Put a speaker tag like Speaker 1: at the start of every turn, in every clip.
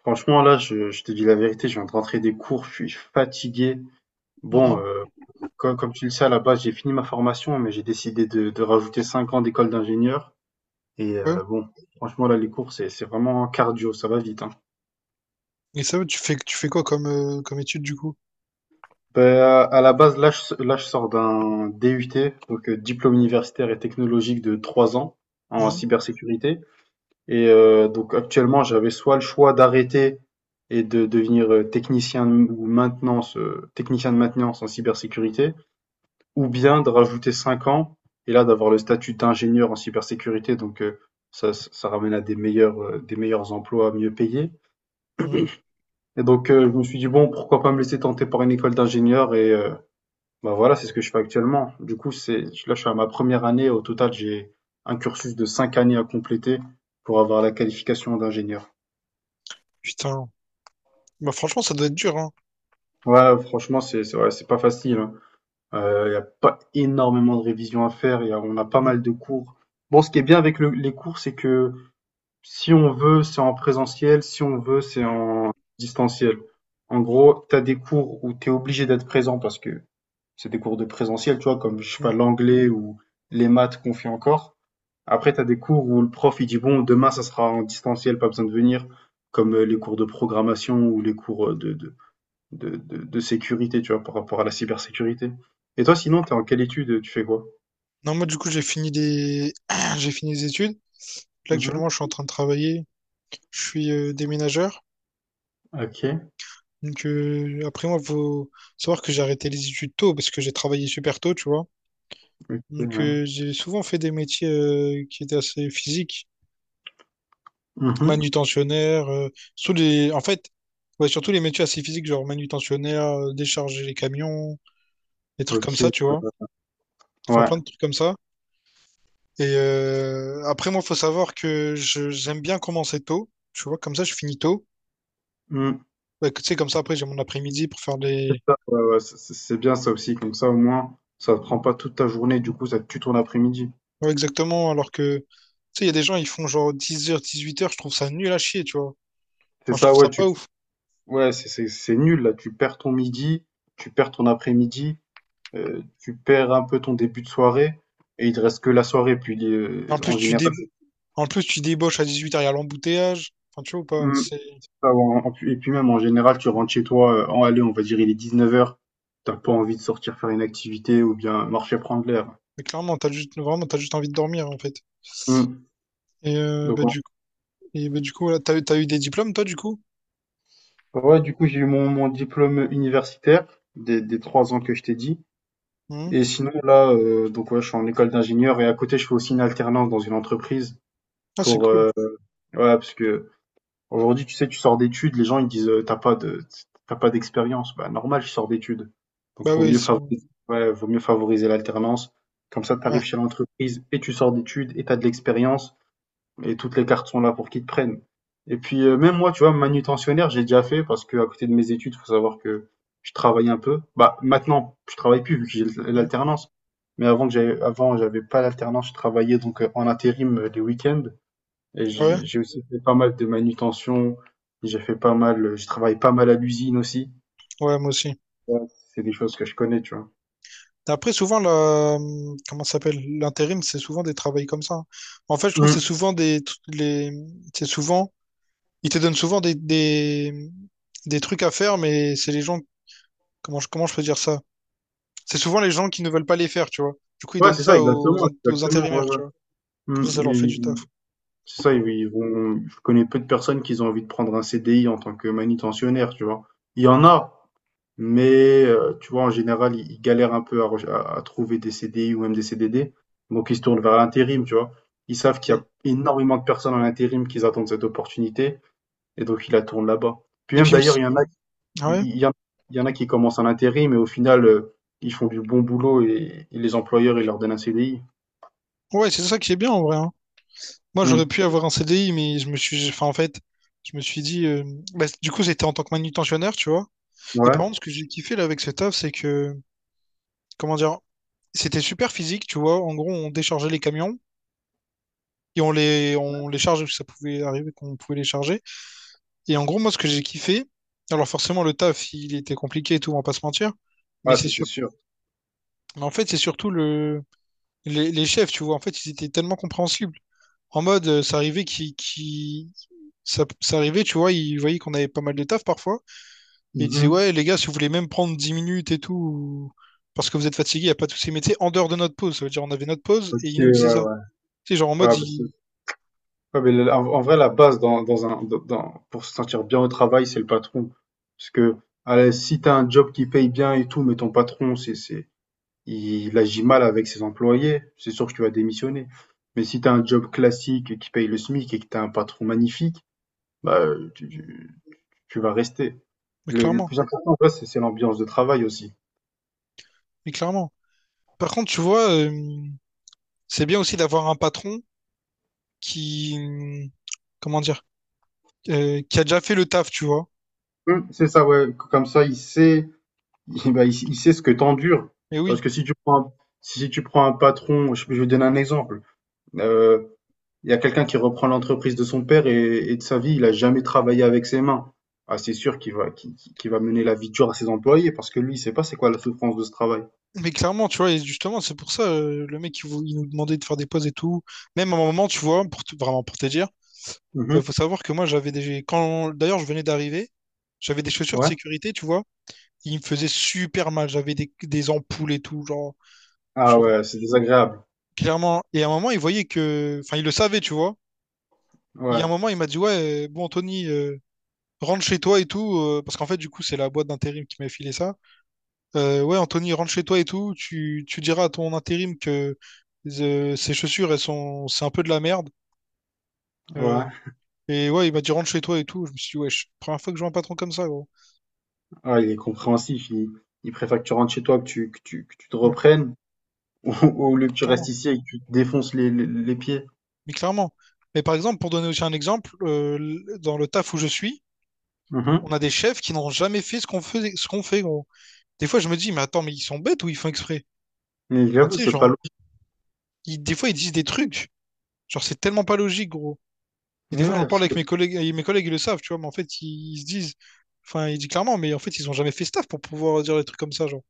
Speaker 1: Franchement, là, je te dis la vérité, je viens de rentrer des cours, je suis fatigué. Bon,
Speaker 2: Mhm,
Speaker 1: comme, tu le sais, à la base, j'ai fini ma formation, mais j'ai décidé de rajouter 5 ans d'école d'ingénieur. Et
Speaker 2: ouais.
Speaker 1: bon, franchement, là, les cours, c'est vraiment cardio, ça va vite, hein.
Speaker 2: Et ça, tu fais quoi comme, comme étude du coup?
Speaker 1: Ben, à la base, là, je sors d'un DUT, donc diplôme universitaire et technologique de 3 ans en
Speaker 2: Mhm,
Speaker 1: cybersécurité. Et donc, actuellement, j'avais soit le choix d'arrêter et de devenir technicien ou maintenance, technicien de maintenance en cybersécurité, ou bien de rajouter 5 ans, et là d'avoir le statut d'ingénieur en cybersécurité, donc ça ramène à des meilleurs, des meilleurs emplois mieux payés.
Speaker 2: mhm.
Speaker 1: Et donc je me suis dit, bon, pourquoi pas me laisser tenter par une école d'ingénieur et bah voilà, c'est ce que je fais actuellement. Du coup, là je suis à ma première année, au total j'ai un cursus de 5 années à compléter pour avoir la qualification d'ingénieur.
Speaker 2: Putain. Bah franchement, ça doit être dur, hein.
Speaker 1: Ouais, franchement, c'est ouais, c'est pas facile, hein. Il y a pas énormément de révisions à faire. Il y a, on a pas
Speaker 2: Mhm,
Speaker 1: mal de cours. Bon, ce qui est bien avec les cours, c'est que si on veut, c'est en présentiel, si on veut, c'est en distanciel. En gros, tu as des cours où tu es obligé d'être présent parce que c'est des cours de présentiel, tu vois, comme je sais pas,
Speaker 2: mhm.
Speaker 1: l'anglais ou les maths qu'on fait encore. Après, tu as des cours où le prof il dit bon, demain ça sera en distanciel, pas besoin de venir, comme les cours de programmation ou les cours de sécurité, tu vois, par rapport à la cybersécurité. Et toi, sinon, t'es en quelle étude? Tu fais quoi?
Speaker 2: Non, moi du coup, j'ai fini les... j'ai fini les études. Là,
Speaker 1: Mhm.
Speaker 2: actuellement, je suis en train de travailler. Je suis déménageur.
Speaker 1: Ok.
Speaker 2: Donc après moi, faut savoir que j'ai arrêté les études tôt parce que j'ai travaillé super tôt, tu vois.
Speaker 1: Ok,
Speaker 2: Donc,
Speaker 1: ouais.
Speaker 2: j'ai souvent fait des métiers qui étaient assez physiques,
Speaker 1: Mhm.
Speaker 2: manutentionnaire, sous les... en fait, ouais, surtout les métiers assez physiques, genre manutentionnaire, décharger les camions, des trucs comme ça,
Speaker 1: Ok.
Speaker 2: tu vois. Enfin,
Speaker 1: Ouais.
Speaker 2: plein de trucs comme ça. Et après, moi, faut savoir que j'aime bien commencer tôt, tu vois, comme ça, je finis tôt.
Speaker 1: Mm.
Speaker 2: Ouais, que, tu sais, comme ça, après, j'ai mon après-midi pour faire
Speaker 1: C'est
Speaker 2: des...
Speaker 1: ça, ouais, ouais, c'est bien ça aussi, comme ça au moins ça te prend pas toute ta journée, du coup ça te tue ton après-midi.
Speaker 2: Ouais, exactement, alors que, tu sais, il y a des gens, ils font genre dix heures dix-huit heures, je trouve ça nul à chier, tu vois.
Speaker 1: C'est
Speaker 2: Enfin, je
Speaker 1: ça,
Speaker 2: trouve ça
Speaker 1: ouais, tu
Speaker 2: pas ouf.
Speaker 1: ouais, c'est nul là, tu perds ton midi, tu perds ton après-midi, tu perds un peu ton début de soirée, et il te reste que la soirée, puis
Speaker 2: Et en
Speaker 1: en
Speaker 2: plus,
Speaker 1: général,
Speaker 2: en plus, tu débauches à 18 heures, il y a l'embouteillage. Enfin, tu vois ou pas?
Speaker 1: hum,
Speaker 2: C'est
Speaker 1: ah ouais, et puis même en général, tu rentres chez toi, en allée, on va dire il est 19 heures, t'as pas envie de sortir faire une activité ou bien marcher prendre l'air.
Speaker 2: mais clairement, t'as juste envie de dormir en fait.
Speaker 1: Hum.
Speaker 2: Et euh,
Speaker 1: Donc
Speaker 2: bah
Speaker 1: en-
Speaker 2: du coup, et, bah, du coup, là, t'as eu des diplômes toi du coup?
Speaker 1: ouais, du coup j'ai eu mon diplôme universitaire des 3 ans que je t'ai dit.
Speaker 2: Hmm.
Speaker 1: Et sinon, là, donc ouais, je suis en école d'ingénieur et à côté, je fais aussi une alternance dans une entreprise
Speaker 2: Ah, c'est
Speaker 1: pour,
Speaker 2: cool.
Speaker 1: heu ouais, parce que aujourd'hui tu sais, tu sors d'études, les gens ils disent, «Tu pas de t pas d'expérience». Bah, normal, je sors d'études. Donc
Speaker 2: Bah
Speaker 1: vaut
Speaker 2: oui, ils
Speaker 1: mieux
Speaker 2: sont.
Speaker 1: favoriser ouais, vaut mieux favoriser l'alternance. Comme ça, tu
Speaker 2: Ouais.
Speaker 1: arrives chez l'entreprise et tu sors d'études et t'as de l'expérience. Et toutes les cartes sont là pour qu'ils te prennent. Et puis, même moi, tu vois, manutentionnaire, j'ai déjà fait parce que à côté de mes études, faut savoir que je travaillais un peu. Bah, maintenant, je travaille plus vu que j'ai
Speaker 2: Hmm.
Speaker 1: l'alternance. Mais avant, j'avais pas l'alternance, je travaillais donc en intérim les week-ends. Et
Speaker 2: Ouais,
Speaker 1: j'ai aussi fait pas mal de manutention. J'ai fait pas mal, je travaille pas mal à l'usine aussi.
Speaker 2: ouais, moi aussi.
Speaker 1: Ouais, c'est des choses que je connais, tu vois.
Speaker 2: Après, souvent, la... comment ça s'appelle? L'intérim, c'est souvent des travails comme ça, hein. En fait, je trouve que c'est
Speaker 1: Mm.
Speaker 2: souvent des. Les... C'est souvent. Ils te donnent souvent des trucs à faire, mais c'est les gens. Comment je peux dire ça? C'est souvent les gens qui ne veulent pas les faire, tu vois. Du coup, ils
Speaker 1: Ouais,
Speaker 2: donnent
Speaker 1: c'est ça,
Speaker 2: ça aux,
Speaker 1: exactement,
Speaker 2: aux
Speaker 1: exactement, ouais,
Speaker 2: intérimaires,
Speaker 1: ouais.
Speaker 2: tu vois. Comme ça leur fait du taf.
Speaker 1: Mm. C'est ça, ils ils vont je connais peu de personnes qui ont envie de prendre un CDI en tant que manutentionnaire, tu vois? Il y en a, mais tu vois, en général, ils galèrent un peu à reche à trouver des CDI ou même des CDD, donc ils se tournent vers l'intérim, tu vois? Ils savent qu'il y
Speaker 2: Et,
Speaker 1: a énormément de personnes en intérim qui attendent cette opportunité et donc ils la tournent là-bas. Puis
Speaker 2: et
Speaker 1: même
Speaker 2: puis, il me
Speaker 1: d'ailleurs,
Speaker 2: s- ah
Speaker 1: il
Speaker 2: ouais,
Speaker 1: il y en il y en a qui commencent en intérim mais au final, ils font du bon boulot et les employeurs, ils leur donnent un CDI.
Speaker 2: ouais, c'est ça qui est bien en vrai, hein. Moi, j'aurais
Speaker 1: Mmh,
Speaker 2: pu avoir un CDI, mais je me suis, enfin, en fait, je me suis dit, bah, du coup, c'était en tant que manutentionnaire, tu vois. Et par
Speaker 1: ouais,
Speaker 2: contre, ce que j'ai kiffé là avec ce taf, c'est que, comment dire, c'était super physique, tu vois. En gros, on déchargeait les camions et on les chargeait, parce que ça pouvait arriver qu'on pouvait les charger. Et en gros, moi, ce que j'ai kiffé, alors forcément, le taf, il était compliqué et tout, on va pas se mentir. Mais
Speaker 1: ouais,
Speaker 2: c'est
Speaker 1: ça c'est sûr.
Speaker 2: Mais en fait, c'est surtout le... les chefs, tu vois. En fait, ils étaient tellement compréhensibles. En mode, ça, ça arrivait, tu vois, ils voyaient qu'on avait pas mal de taf parfois. Et ils disaient,
Speaker 1: Mmh,
Speaker 2: ouais, les gars, si vous voulez même prendre 10 minutes et tout, parce que vous êtes fatigués, il n'y a pas tous ces métiers en dehors de notre pause. Ça veut dire, on avait notre pause
Speaker 1: OK,
Speaker 2: et ils
Speaker 1: ouais,
Speaker 2: nous disaient ça.
Speaker 1: ouais.
Speaker 2: C'est genre en mode,
Speaker 1: Ouais, bah, c'est ouais, mais en vrai, la base dans, dans un, dans- dans- pour se sentir bien au travail, c'est le patron. Parce que allez, si tu as un job qui paye bien et tout, mais ton patron, il agit mal avec ses employés, c'est sûr que tu vas démissionner. Mais si tu as un job classique qui paye le SMIC et que tu as un patron magnifique, bah, tu vas rester.
Speaker 2: mais
Speaker 1: Le
Speaker 2: clairement,
Speaker 1: plus important, en vrai, c'est l'ambiance de travail aussi.
Speaker 2: mais clairement. Par contre, tu vois, c'est bien aussi d'avoir un patron qui, comment dire, qui a déjà fait le taf, tu vois.
Speaker 1: C'est ça, ouais. Comme ça, il sait, bah, il sait ce que t'endures.
Speaker 2: Mais
Speaker 1: Parce
Speaker 2: oui.
Speaker 1: que si tu prends un patron, je vais donner un exemple. Euh, Il y a quelqu'un qui reprend l'entreprise de son père et de sa vie, il a jamais travaillé avec ses mains. Ah, c'est sûr qu'il va mener la vie dure à ses employés parce que lui, il sait pas c'est quoi la souffrance de ce travail.
Speaker 2: Mais clairement, tu vois, et justement, c'est pour ça, le mec, il nous demandait de faire des pauses et tout. Même à un moment, tu vois, vraiment pour te dire,
Speaker 1: Mhm.
Speaker 2: faut savoir que moi, d'ailleurs, je venais d'arriver, j'avais des chaussures de
Speaker 1: Ouais.
Speaker 2: sécurité, tu vois. Il me faisait super mal, des ampoules et tout, genre,
Speaker 1: Ah
Speaker 2: je-
Speaker 1: ouais, c'est désagréable.
Speaker 2: clairement. Et à un moment, il voyait que... Enfin, il le savait, tu vois. Il y a
Speaker 1: Ouais,
Speaker 2: un moment, il m'a dit, ouais, bon, Anthony, rentre chez toi et tout, parce qu'en fait, du coup, c'est la boîte d'intérim qui m'a filé ça. Ouais, Anthony, rentre chez toi et tout. Tu diras à ton intérim que ses chaussures, c'est un peu de la merde. Euh,
Speaker 1: ouais.
Speaker 2: et ouais, il m'a dit rentre chez toi et tout. Je me suis dit, wesh, première fois que je vois un patron comme ça, gros.
Speaker 1: Ah, il est compréhensif. Il préfère que tu rentres chez toi, que tu te
Speaker 2: Ouais,
Speaker 1: reprennes, au lieu que
Speaker 2: mais
Speaker 1: tu restes
Speaker 2: clairement.
Speaker 1: ici et que tu te défonces les pieds.
Speaker 2: Mais clairement. Mais par exemple, pour donner aussi un exemple, dans le taf où je suis,
Speaker 1: Mhm.
Speaker 2: on a des chefs qui n'ont jamais fait ce qu'on faisait, ce qu'on fait, gros. Des fois, je me dis, mais attends, mais ils sont bêtes ou ils font exprès?
Speaker 1: Mais
Speaker 2: Enfin,
Speaker 1: j'avoue,
Speaker 2: tu sais,
Speaker 1: c'est pas
Speaker 2: genre,
Speaker 1: logique.
Speaker 2: des fois, ils disent des trucs. Genre, c'est tellement pas logique, gros. Et des
Speaker 1: Mais
Speaker 2: fois,
Speaker 1: ouais.
Speaker 2: j'en
Speaker 1: parce
Speaker 2: parle
Speaker 1: que
Speaker 2: avec mes collègues, et mes collègues, ils le savent, tu vois, mais en fait, ils se disent, enfin, ils disent clairement, mais en fait, ils ont jamais fait staff pour pouvoir dire des trucs comme ça, genre.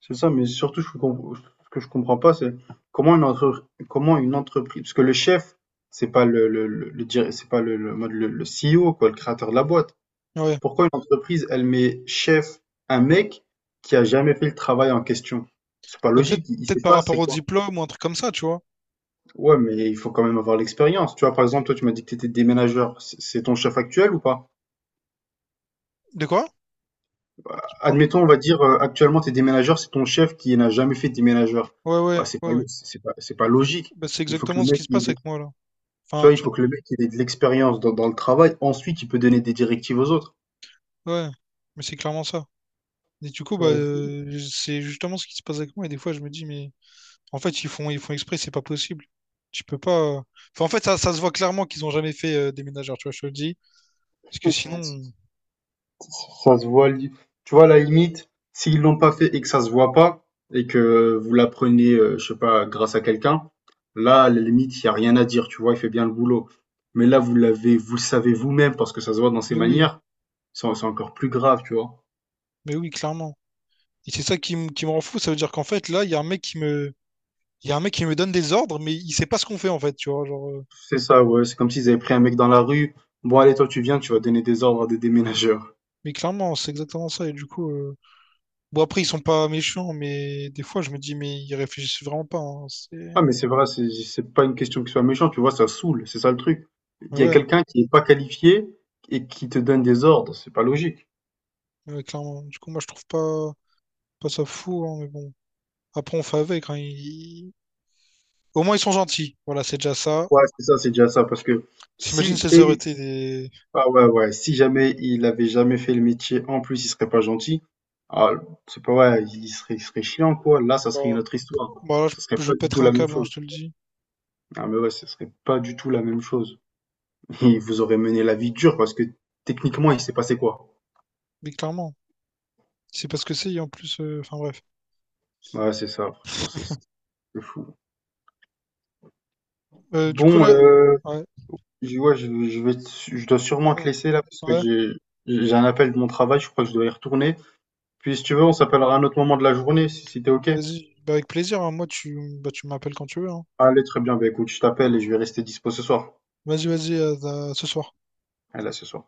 Speaker 1: C'est ça, mais surtout, ce que je comprends pas, c'est comment une entreprise, parce que le chef, c'est pas c'est pas le CEO, quoi, le créateur de la boîte.
Speaker 2: Ouais.
Speaker 1: Pourquoi une entreprise, elle met chef un mec qui a jamais fait le travail en question? C'est pas
Speaker 2: Mais
Speaker 1: logique, il
Speaker 2: peut-être
Speaker 1: sait
Speaker 2: par
Speaker 1: pas
Speaker 2: rapport
Speaker 1: c'est
Speaker 2: au
Speaker 1: quoi.
Speaker 2: diplôme ou un truc comme ça, tu vois.
Speaker 1: Ouais, mais il faut quand même avoir l'expérience. Tu vois, par exemple, toi, tu m'as dit que tu étais déménageur, c'est ton chef actuel ou pas?
Speaker 2: De quoi? J'ai pas entendu.
Speaker 1: Admettons, on va dire, actuellement, tu es déménageur, c'est ton chef qui n'a jamais fait de déménageur.
Speaker 2: Ouais,
Speaker 1: Bah, c'est pas,
Speaker 2: ouais.
Speaker 1: lo- c'est pas logique.
Speaker 2: Bah, c'est
Speaker 1: Il faut que
Speaker 2: exactement
Speaker 1: le
Speaker 2: ce qui
Speaker 1: mec
Speaker 2: se
Speaker 1: il
Speaker 2: passe avec moi, là. Enfin,
Speaker 1: Tu vois, il faut
Speaker 2: actuellement.
Speaker 1: que le mec il ait de l'expérience dans le travail. Ensuite, il peut donner des directives aux autres.
Speaker 2: Ouais. Mais c'est clairement ça. Et du coup, bah,
Speaker 1: Ouais,
Speaker 2: c'est justement ce qui se passe avec moi. Et des fois, je me dis, mais en fait, ils font exprès, c'est pas possible. Tu peux pas. euh, Enfin, en fait, ça se voit clairement qu'ils ont jamais fait des ménagères, tu vois, je te le dis. Parce que
Speaker 1: ouais, c'est-
Speaker 2: sinon,
Speaker 1: ça se voit. Tu vois, à la limite, s'ils l'ont pas fait et que ça se voit pas, et que vous l'apprenez, je sais pas, grâce à quelqu'un, là, à la limite, il y a rien à dire. Tu vois, il fait bien le boulot. Mais là, vous l'avez, vous le savez vous-même parce que ça se voit dans ses
Speaker 2: mais oui,
Speaker 1: manières. C'est encore plus grave, tu vois.
Speaker 2: mais oui, clairement. Et c'est ça qui me rend fou. Ça veut dire qu'en fait, là, il y a un mec qui me donne des ordres, mais il sait pas ce qu'on fait, en fait, tu vois. Genre,
Speaker 1: C'est ça, ouais. C'est comme s'ils avaient pris un mec dans la rue. Bon, allez, toi, tu viens, tu vas donner des ordres à des déménageurs.
Speaker 2: mais clairement, c'est exactement ça. Et du coup, bon, après, ils sont pas méchants, mais des fois, je me dis, mais ils réfléchissent vraiment pas, hein.
Speaker 1: Ah, mais c'est vrai, c'est pas une question qu'il soit méchant, tu vois, ça saoule, c'est ça le truc. Il y a
Speaker 2: Ouais,
Speaker 1: quelqu'un qui est pas qualifié et qui te donne des ordres, c'est pas logique.
Speaker 2: ouais, clairement. Du coup, moi, je trouve pas, pas ça fou, hein, mais bon. Après, on fait avec, hein. Au moins, ils sont gentils. Voilà, c'est déjà ça.
Speaker 1: Ouais, c'est ça, c'est déjà ça, parce que
Speaker 2: J'imagine
Speaker 1: si,
Speaker 2: si ça aurait
Speaker 1: et,
Speaker 2: été des.
Speaker 1: ah ouais, ouais, si jamais il avait jamais fait le métier, en plus, il serait pas gentil, ah, c'est pas, ouais, il serait chiant, quoi. Là, ça serait une
Speaker 2: Bon,
Speaker 1: autre histoire.
Speaker 2: bon, là,
Speaker 1: Ça serait
Speaker 2: je
Speaker 1: pas du tout
Speaker 2: pèterais un
Speaker 1: la même
Speaker 2: câble, hein, je
Speaker 1: chose.
Speaker 2: te le dis.
Speaker 1: Ah, mais ouais, ça serait pas du tout la même chose. Il vous aurait mené la vie dure, parce que techniquement, il s'est passé quoi?
Speaker 2: Mais clairement, c'est parce que c'est, et en plus. Enfin, bref.
Speaker 1: Ouais, c'est ça, franchement, c'est fou.
Speaker 2: Du coup,
Speaker 1: Bon,
Speaker 2: là. Ouais.
Speaker 1: ouais, je dois
Speaker 2: Ah,
Speaker 1: sûrement te
Speaker 2: merde.
Speaker 1: laisser là parce que
Speaker 2: Ouais,
Speaker 1: j'ai un appel de mon travail, je crois que je dois y retourner. Puis si tu veux, on s'appellera à un autre moment de la journée, si t'es OK.
Speaker 2: vas-y. Bah, avec plaisir, hein. Moi, bah, tu m'appelles quand tu veux, hein.
Speaker 1: Allez, très bien, bah écoute, je t'appelle et je vais rester dispo ce soir.
Speaker 2: Vas-y, à ce soir.
Speaker 1: Allez, à ce soir.